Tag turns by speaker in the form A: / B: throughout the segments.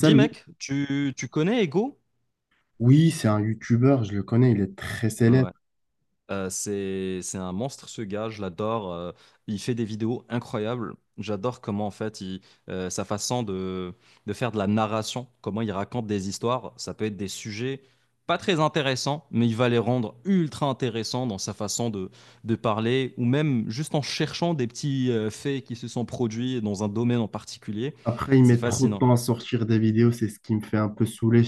A: Dis mec, tu connais Ego?
B: Oui, c'est un youtubeur, je le connais, il est très
A: Ah
B: célèbre.
A: ouais. C'est un monstre ce gars, je l'adore. Il fait des vidéos incroyables. J'adore comment en fait sa façon de faire de la narration, comment il raconte des histoires. Ça peut être des sujets pas très intéressants, mais il va les rendre ultra intéressants dans sa façon de parler, ou même juste en cherchant des petits faits qui se sont produits dans un domaine en particulier.
B: Après, il
A: C'est
B: met trop de
A: fascinant.
B: temps à sortir des vidéos, c'est ce qui me fait un peu saouler.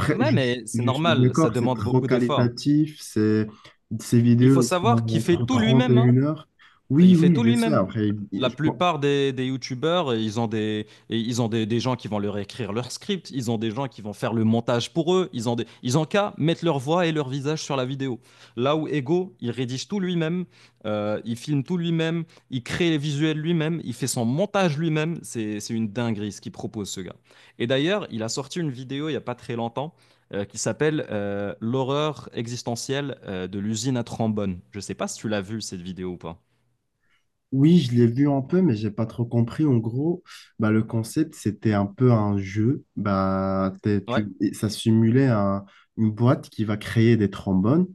A: Ouais,
B: je,
A: mais c'est
B: je suis
A: normal, ça
B: d'accord, c'est
A: demande
B: trop
A: beaucoup d'efforts.
B: qualitatif, c'est, ces
A: Il
B: vidéos,
A: faut
B: elles sont
A: savoir qu'il fait
B: entre
A: tout
B: 30 et
A: lui-même, hein.
B: une heure. Oui,
A: Il fait
B: oui,
A: tout
B: je sais.
A: lui-même.
B: Après,
A: La
B: je pense-
A: plupart des youtubeurs, ils ont des gens qui vont leur écrire leur script, ils ont des gens qui vont faire le montage pour eux, ils ont qu'à mettre leur voix et leur visage sur la vidéo. Là où Ego, il rédige tout lui-même, il filme tout lui-même, il crée les visuels lui-même, il fait son montage lui-même. C'est une dinguerie ce qu'il propose, ce gars. Et d'ailleurs, il a sorti une vidéo il n'y a pas très longtemps qui s'appelle L'horreur existentielle de l'usine à trombone. Je ne sais pas si tu l'as vu cette vidéo ou pas.
B: oui, je l'ai vu un peu, mais j'ai pas trop compris. En gros, bah, le concept, c'était un peu un jeu. Bah,
A: Ouais.
B: ça simulait un- une boîte qui va créer des trombones.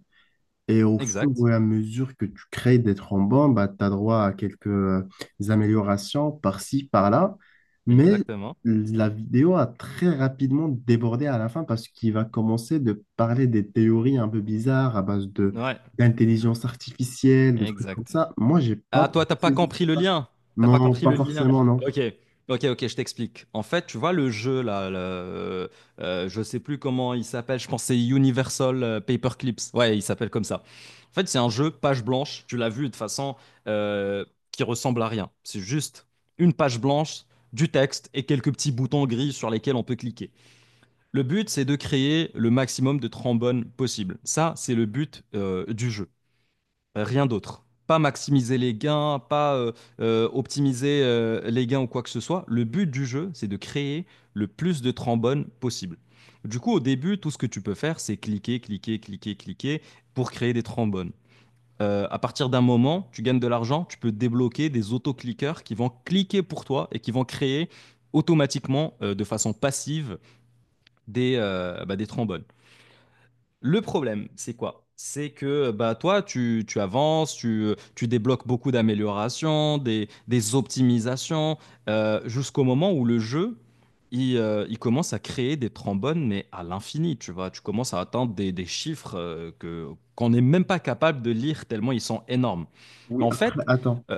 B: Et au fur
A: Exact,
B: et à mesure que tu crées des thrombons, bah, tu as droit à quelques améliorations par-ci, par-là. Mais
A: exactement.
B: la vidéo a très rapidement débordé à la fin parce qu'il va commencer de parler des théories un peu bizarres à base de
A: Ouais,
B: d'intelligence artificielle, de trucs comme
A: exact.
B: ça. Moi, j'ai
A: Ah,
B: pas
A: toi, t'as pas
B: saisi.
A: compris le lien. T'as pas
B: Non,
A: compris
B: pas
A: le lien.
B: forcément, non.
A: Ok, ok, ok, je t'explique. En fait, tu vois le jeu là, je sais plus comment il s'appelle. Je pense que c'est Universal Paperclips. Ouais, il s'appelle comme ça. En fait, c'est un jeu page blanche. Tu l'as vu de toute façon, euh, qui ressemble à rien. C'est juste une page blanche, du texte et quelques petits boutons gris sur lesquels on peut cliquer. Le but, c'est de créer le maximum de trombones possible. Ça, c'est le but du jeu. Rien d'autre. Pas maximiser les gains, pas optimiser les gains ou quoi que ce soit. Le but du jeu, c'est de créer le plus de trombones possible. Du coup, au début, tout ce que tu peux faire, c'est cliquer, cliquer, cliquer, cliquer pour créer des trombones. À partir d'un moment, tu gagnes de l'argent, tu peux débloquer des autocliqueurs qui vont cliquer pour toi et qui vont créer automatiquement, de façon passive, des trombones. Le problème, c'est quoi? C'est que bah, toi, tu avances, tu débloques beaucoup d'améliorations, des optimisations, jusqu'au moment où le jeu, il commence à créer des trombones, mais à l'infini, tu vois. Tu commences à atteindre des chiffres, qu'on n'est même pas capable de lire tellement ils sont énormes.
B: Oui,
A: En
B: après,
A: fait,
B: attends,
A: euh,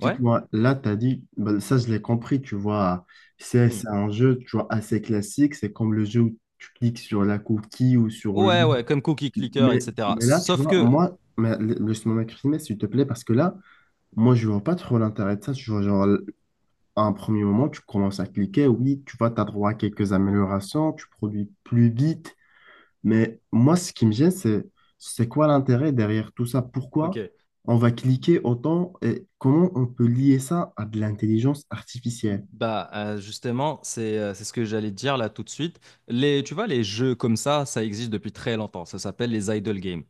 A: ouais.
B: Là, tu as dit, ben, ça, je l'ai compris, tu vois, c'est
A: Hmm.
B: un jeu, tu vois, assez classique. C'est comme le jeu où tu cliques sur la cookie ou sur le.
A: Ouais, ouais, comme Cookie Clicker,
B: Mais,
A: etc.
B: mais là, tu
A: Sauf
B: vois,
A: que,
B: moi, mais, laisse-moi m'exprimer, s'il te plaît, parce que là, moi, je vois pas trop l'intérêt de ça. Tu vois, genre, à un premier moment, tu commences à cliquer, oui, tu vois, tu as droit à quelques améliorations, tu produis plus vite, mais moi, ce qui me gêne, c'est quoi l'intérêt derrière tout ça?
A: ok,
B: Pourquoi on va cliquer autant et comment on peut lier ça à de l'intelligence artificielle?
A: bah, justement, c'est ce que j'allais te dire là tout de suite. Tu vois, les jeux comme ça existe depuis très longtemps. Ça s'appelle les idle games.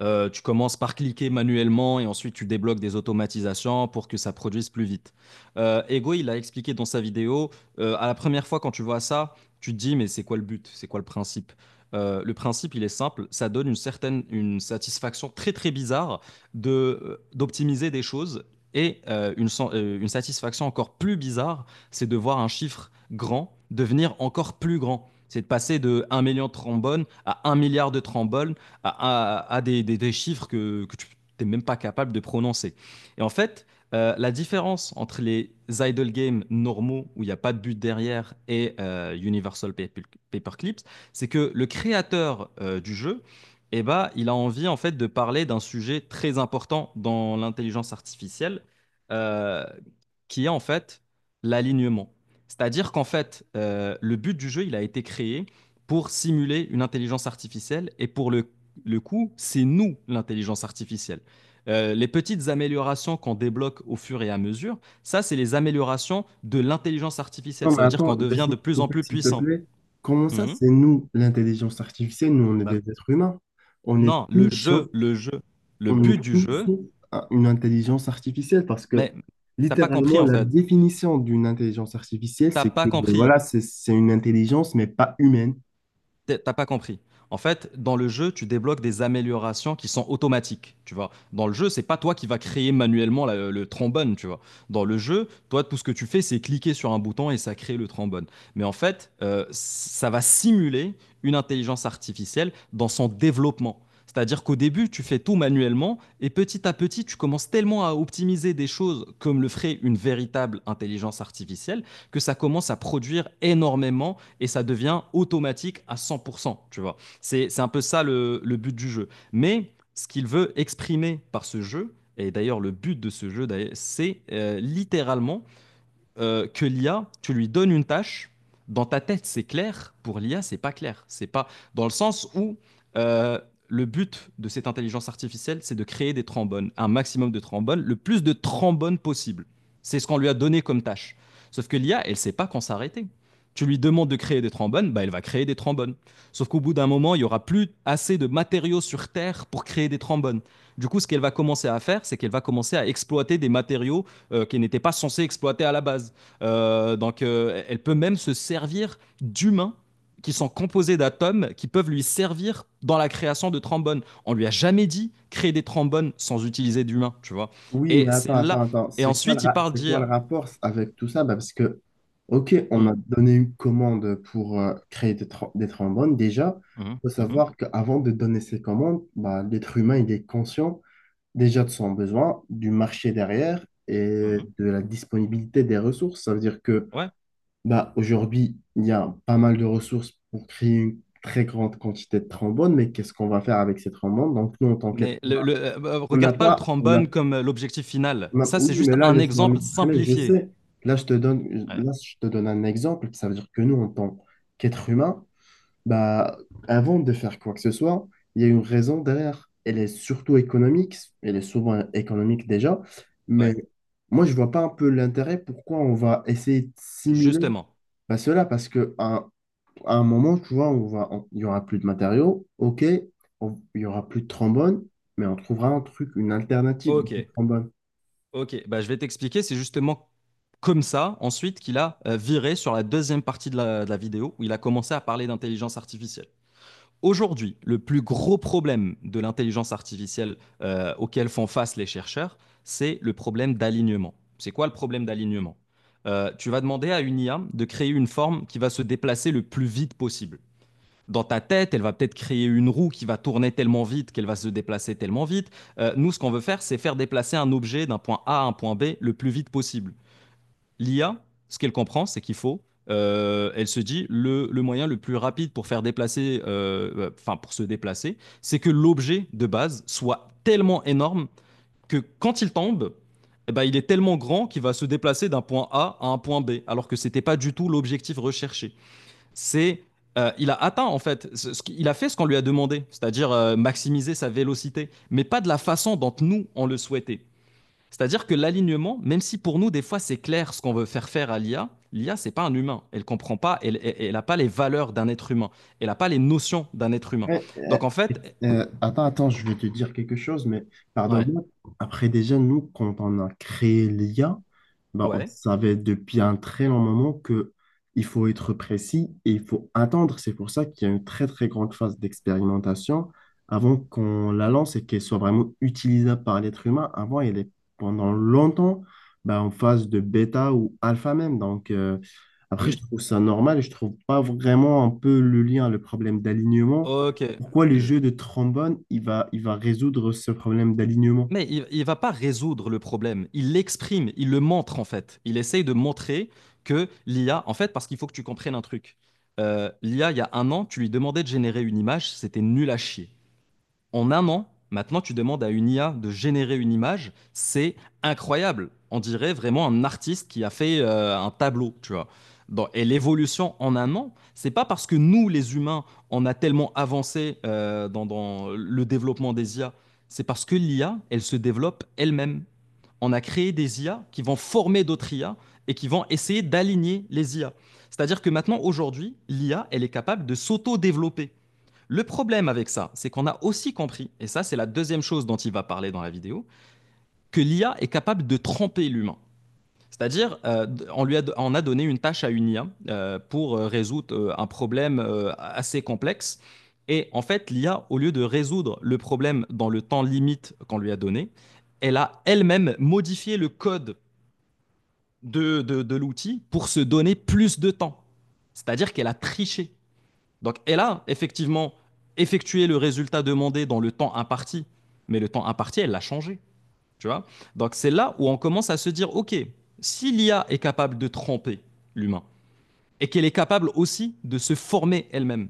A: Tu commences par cliquer manuellement et ensuite tu débloques des automatisations pour que ça produise plus vite. Ego, il a expliqué dans sa vidéo. À la première fois quand tu vois ça, tu te dis mais c'est quoi le but? C'est quoi le principe? Le principe, il est simple, ça donne une certaine une satisfaction très très bizarre de d'optimiser des choses et une satisfaction encore plus bizarre, c'est de voir un chiffre grand devenir encore plus grand. C'est de passer de 1 million de trombones à 1 milliard de trombones à chiffres que tu n'es même pas capable de prononcer. Et en fait, la différence entre les idle games normaux où il n'y a pas de but derrière et Universal Paperclips, c'est que le créateur, du jeu, eh ben, il a envie en fait de parler d'un sujet très important dans l'intelligence artificielle, euh, qui est en fait l'alignement. C'est-à-dire qu'en fait, le but du jeu, il a été créé pour simuler une intelligence artificielle et pour le coup, c'est nous l'intelligence artificielle. Les petites améliorations qu'on débloque au fur et à mesure, ça, c'est les améliorations de l'intelligence artificielle.
B: Non, mais
A: Ça veut dire
B: attends,
A: qu'on devient
B: laisse-moi
A: de
B: te
A: plus en
B: couper,
A: plus
B: s'il te
A: puissant.
B: plaît. Comment ça,
A: Mhm.
B: c'est nous, l'intelligence artificielle? Nous, on est
A: Bah,
B: des êtres humains. On est
A: non, le
B: tous sauf,
A: jeu, le jeu, le
B: on est
A: but du
B: tous
A: jeu,
B: sauf un- une intelligence artificielle parce que
A: mais t'as pas
B: littéralement,
A: compris en
B: la
A: fait.
B: définition d'une intelligence artificielle,
A: T'as
B: c'est que
A: pas compris.
B: voilà, c'est une intelligence, mais pas humaine.
A: T'as pas compris. En fait, dans le jeu, tu débloques des améliorations qui sont automatiques, tu vois. Dans le jeu, c'est pas toi qui vas créer manuellement le trombone, tu vois. Dans le jeu, toi, tout ce que tu fais, c'est cliquer sur un bouton et ça crée le trombone. Mais en fait, ça va simuler une intelligence artificielle dans son développement. C'est-à-dire qu'au début, tu fais tout manuellement et petit à petit, tu commences tellement à optimiser des choses comme le ferait une véritable intelligence artificielle que ça commence à produire énormément et ça devient automatique à 100%, tu vois. C'est un peu ça le but du jeu. Mais ce qu'il veut exprimer par ce jeu, et d'ailleurs, le but de ce jeu, c'est, littéralement, que l'IA, tu lui donnes une tâche, dans ta tête c'est clair, pour l'IA c'est pas clair. C'est pas dans le sens où, euh, le but de cette intelligence artificielle c'est de créer des trombones, un maximum de trombones, le plus de trombones possible. C'est ce qu'on lui a donné comme tâche. Sauf que l'IA, elle ne sait pas quand s'arrêter. Tu lui demandes de créer des trombones, bah elle va créer des trombones. Sauf qu'au bout d'un moment, il y aura plus assez de matériaux sur Terre pour créer des trombones. Du coup, ce qu'elle va commencer à faire, c'est qu'elle va commencer à exploiter des matériaux qu'elle n'était pas censée exploiter à la base. Donc, elle peut même se servir d'humains qui sont composés d'atomes qui peuvent lui servir dans la création de trombones. On lui a jamais dit créer des trombones sans utiliser d'humains, tu vois.
B: Oui,
A: Et
B: mais
A: c'est
B: attends,
A: là.
B: attends, attends.
A: Et
B: C'est quoi le,
A: ensuite, il parle
B: c'est quoi le
A: dire.
B: rapport avec tout ça? Bah, parce que, OK, on a
A: Hum,
B: donné une commande pour créer des, des trombones. Déjà,
A: hum,
B: il faut
A: hum, hum,
B: savoir qu'avant de donner ces commandes, bah, l'être humain, il est conscient déjà de son besoin, du marché derrière
A: hum,
B: et
A: hum.
B: de la disponibilité des ressources. Ça veut dire que
A: Ouais.
B: bah, aujourd'hui, il y a pas mal de ressources pour créer une très grande quantité de trombones, mais qu'est-ce qu'on va faire avec ces trombones? Donc, nous, en tant qu'être
A: Mais
B: humain, on n'a
A: regarde pas le
B: pas, on n'a
A: trombone comme l'objectif final.
B: Ma-
A: Ça, c'est
B: Oui,
A: juste
B: mais là,
A: un
B: laisse-moi
A: exemple
B: m'exprimer. Je
A: simplifié.
B: sais,
A: Ouais.
B: là, je te donne un exemple. Ça veut dire que nous, en tant qu'êtres humains, bah, avant de faire quoi que ce soit, il y a une raison derrière. Elle est surtout économique. Elle est souvent économique déjà. Mais
A: Ouais.
B: moi, je vois pas un peu l'intérêt pourquoi on va essayer de simuler
A: Justement.
B: bah, cela. Parce que à un moment, tu vois, il y aura plus de matériaux. OK, il y aura plus de trombone, mais on trouvera un truc, une alternative
A: Ok.
B: de trombone.
A: Ok, bah, je vais t'expliquer. C'est justement comme ça, ensuite, qu'il a viré sur la deuxième partie de la vidéo où il a commencé à parler d'intelligence artificielle. Aujourd'hui, le plus gros problème de l'intelligence artificielle, auquel font face les chercheurs, c'est le problème d'alignement. C'est quoi le problème d'alignement? Tu vas demander à une IA de créer une forme qui va se déplacer le plus vite possible. Dans ta tête, elle va peut-être créer une roue qui va tourner tellement vite qu'elle va se déplacer tellement vite. Nous, ce qu'on veut faire, c'est faire déplacer un objet d'un point A à un point B le plus vite possible. L'IA, ce qu'elle comprend, c'est qu'il faut, elle se dit, moyen le plus rapide pour faire déplacer, enfin pour se déplacer, c'est que l'objet de base soit tellement énorme que quand il tombe, eh ben, il est tellement grand qu'il va se déplacer d'un point A à un point B, alors que ce n'était pas du tout l'objectif recherché. C'est, il a atteint en fait, ce il a fait ce qu'on lui a demandé, c'est-à-dire, maximiser sa vélocité, mais pas de la façon dont nous on le souhaitait. C'est-à-dire que l'alignement, même si pour nous des fois c'est clair ce qu'on veut faire faire à l'IA, l'IA c'est pas un humain, elle ne comprend pas, elle a pas les valeurs d'un être humain, elle a pas les notions d'un être humain.
B: Après,
A: Donc en fait,
B: attends, attends, je vais te dire quelque chose, mais
A: ouais,
B: pardonne-moi. Après, déjà, nous, quand on a créé l'IA, ben, on
A: ouais,
B: savait depuis un très long moment que il faut être précis et il faut attendre. C'est pour ça qu'il y a une très, très grande phase d'expérimentation avant qu'on la lance et qu'elle soit vraiment utilisable par l'être humain. Avant, elle est pendant longtemps ben, en phase de bêta ou alpha même. Donc, après, je
A: oui,
B: trouve ça normal et je trouve pas vraiment un peu le lien, le problème d'alignement
A: ok.
B: pourquoi le
A: Je-
B: jeu de trombone, il va résoudre ce problème d'alignement?
A: Mais il va pas résoudre le problème, il l'exprime, il le montre en fait. Il essaye de montrer que l'IA, en fait, parce qu'il faut que tu comprennes un truc. L'IA, il y a un an, tu lui demandais de générer une image, c'était nul à chier. En un an, maintenant, tu demandes à une IA de générer une image, c'est incroyable. On dirait vraiment un artiste qui a fait un tableau, tu vois. Et l'évolution en un an, c'est pas parce que nous, les humains, on a tellement avancé dans le développement des IA, c'est parce que l'IA, elle se développe elle-même. On a créé des IA qui vont former d'autres IA et qui vont essayer d'aligner les IA. C'est-à-dire que maintenant, aujourd'hui, l'IA, elle est capable de s'auto-développer. Le problème avec ça, c'est qu'on a aussi compris, et ça c'est la deuxième chose dont il va parler dans la vidéo, que l'IA est capable de tromper l'humain. C'est-à-dire, on a donné une tâche à une IA, pour résoudre un problème assez complexe. Et en fait, l'IA, au lieu de résoudre le problème dans le temps limite qu'on lui a donné, elle a elle-même modifié le code de l'outil pour se donner plus de temps. C'est-à-dire qu'elle a triché. Donc elle a effectivement effectué le résultat demandé dans le temps imparti, mais le temps imparti, elle l'a changé, tu vois. Donc c'est là où on commence à se dire, ok, si l'IA est capable de tromper l'humain et qu'elle est capable aussi de se former elle-même,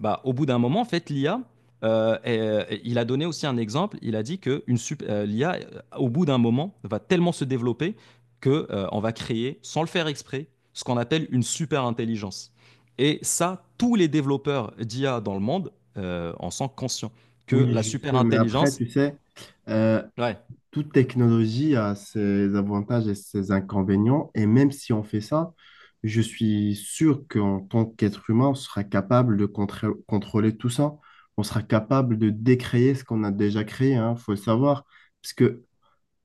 A: bah, au bout d'un moment, en fait, l'IA, et il a donné aussi un exemple. Il a dit que l'IA, au bout d'un moment, va tellement se développer que, on va créer, sans le faire exprès, ce qu'on appelle une super intelligence. Et ça, tous les développeurs d'IA dans le monde, en sont conscients que
B: Oui,
A: la
B: je
A: super
B: sais, mais après,
A: intelligence.
B: tu sais, euh,
A: Ouais.
B: toute technologie a ses avantages et ses inconvénients, et même si on fait ça, je suis sûr qu'en tant qu'être humain, on sera capable de contrôler tout ça. On sera capable de décréer ce qu'on a déjà créé, il faut le savoir. Parce que,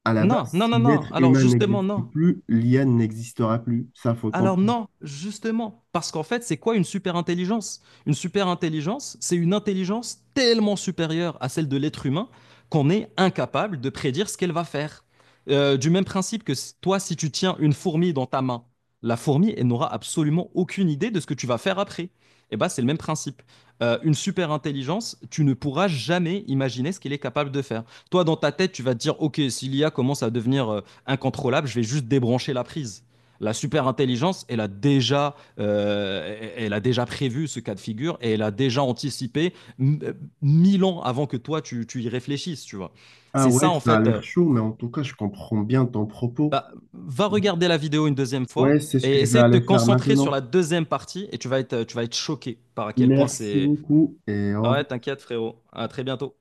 B: à la base,
A: Non, non,
B: si
A: non, non.
B: l'être
A: Alors
B: humain
A: justement,
B: n'existe
A: non.
B: plus, l'IA n'existera plus. Ça, faut le
A: Alors
B: comprendre.
A: non, justement, parce qu'en fait, c'est quoi une super intelligence? Une super intelligence, c'est une intelligence tellement supérieure à celle de l'être humain qu'on est incapable de prédire ce qu'elle va faire. Du même principe que, toi, si tu tiens une fourmi dans ta main, la fourmi, elle n'aura absolument aucune idée de ce que tu vas faire après. Et ben, c'est le même principe. Une super intelligence, tu ne pourras jamais imaginer ce qu'elle est capable de faire. Toi, dans ta tête, tu vas te dire, OK, si l'IA commence à devenir incontrôlable, je vais juste débrancher la prise. La super intelligence, elle a déjà prévu ce cas de figure et elle a déjà anticipé m- euh, 1 000 ans avant que toi tu y réfléchisses, tu vois.
B: Ah
A: C'est ça
B: ouais,
A: en
B: ça a
A: fait.
B: l'air chaud, mais en tout cas, je comprends bien ton propos.
A: Bah, va regarder la vidéo une deuxième fois
B: Ouais, c'est ce que
A: et
B: je vais
A: essaie de te
B: aller faire
A: concentrer sur
B: maintenant.
A: la deuxième partie et tu vas être choqué par à quel point
B: Merci
A: c'est.
B: beaucoup et au
A: Ah ouais,
B: revoir.
A: t'inquiète frérot. À très bientôt.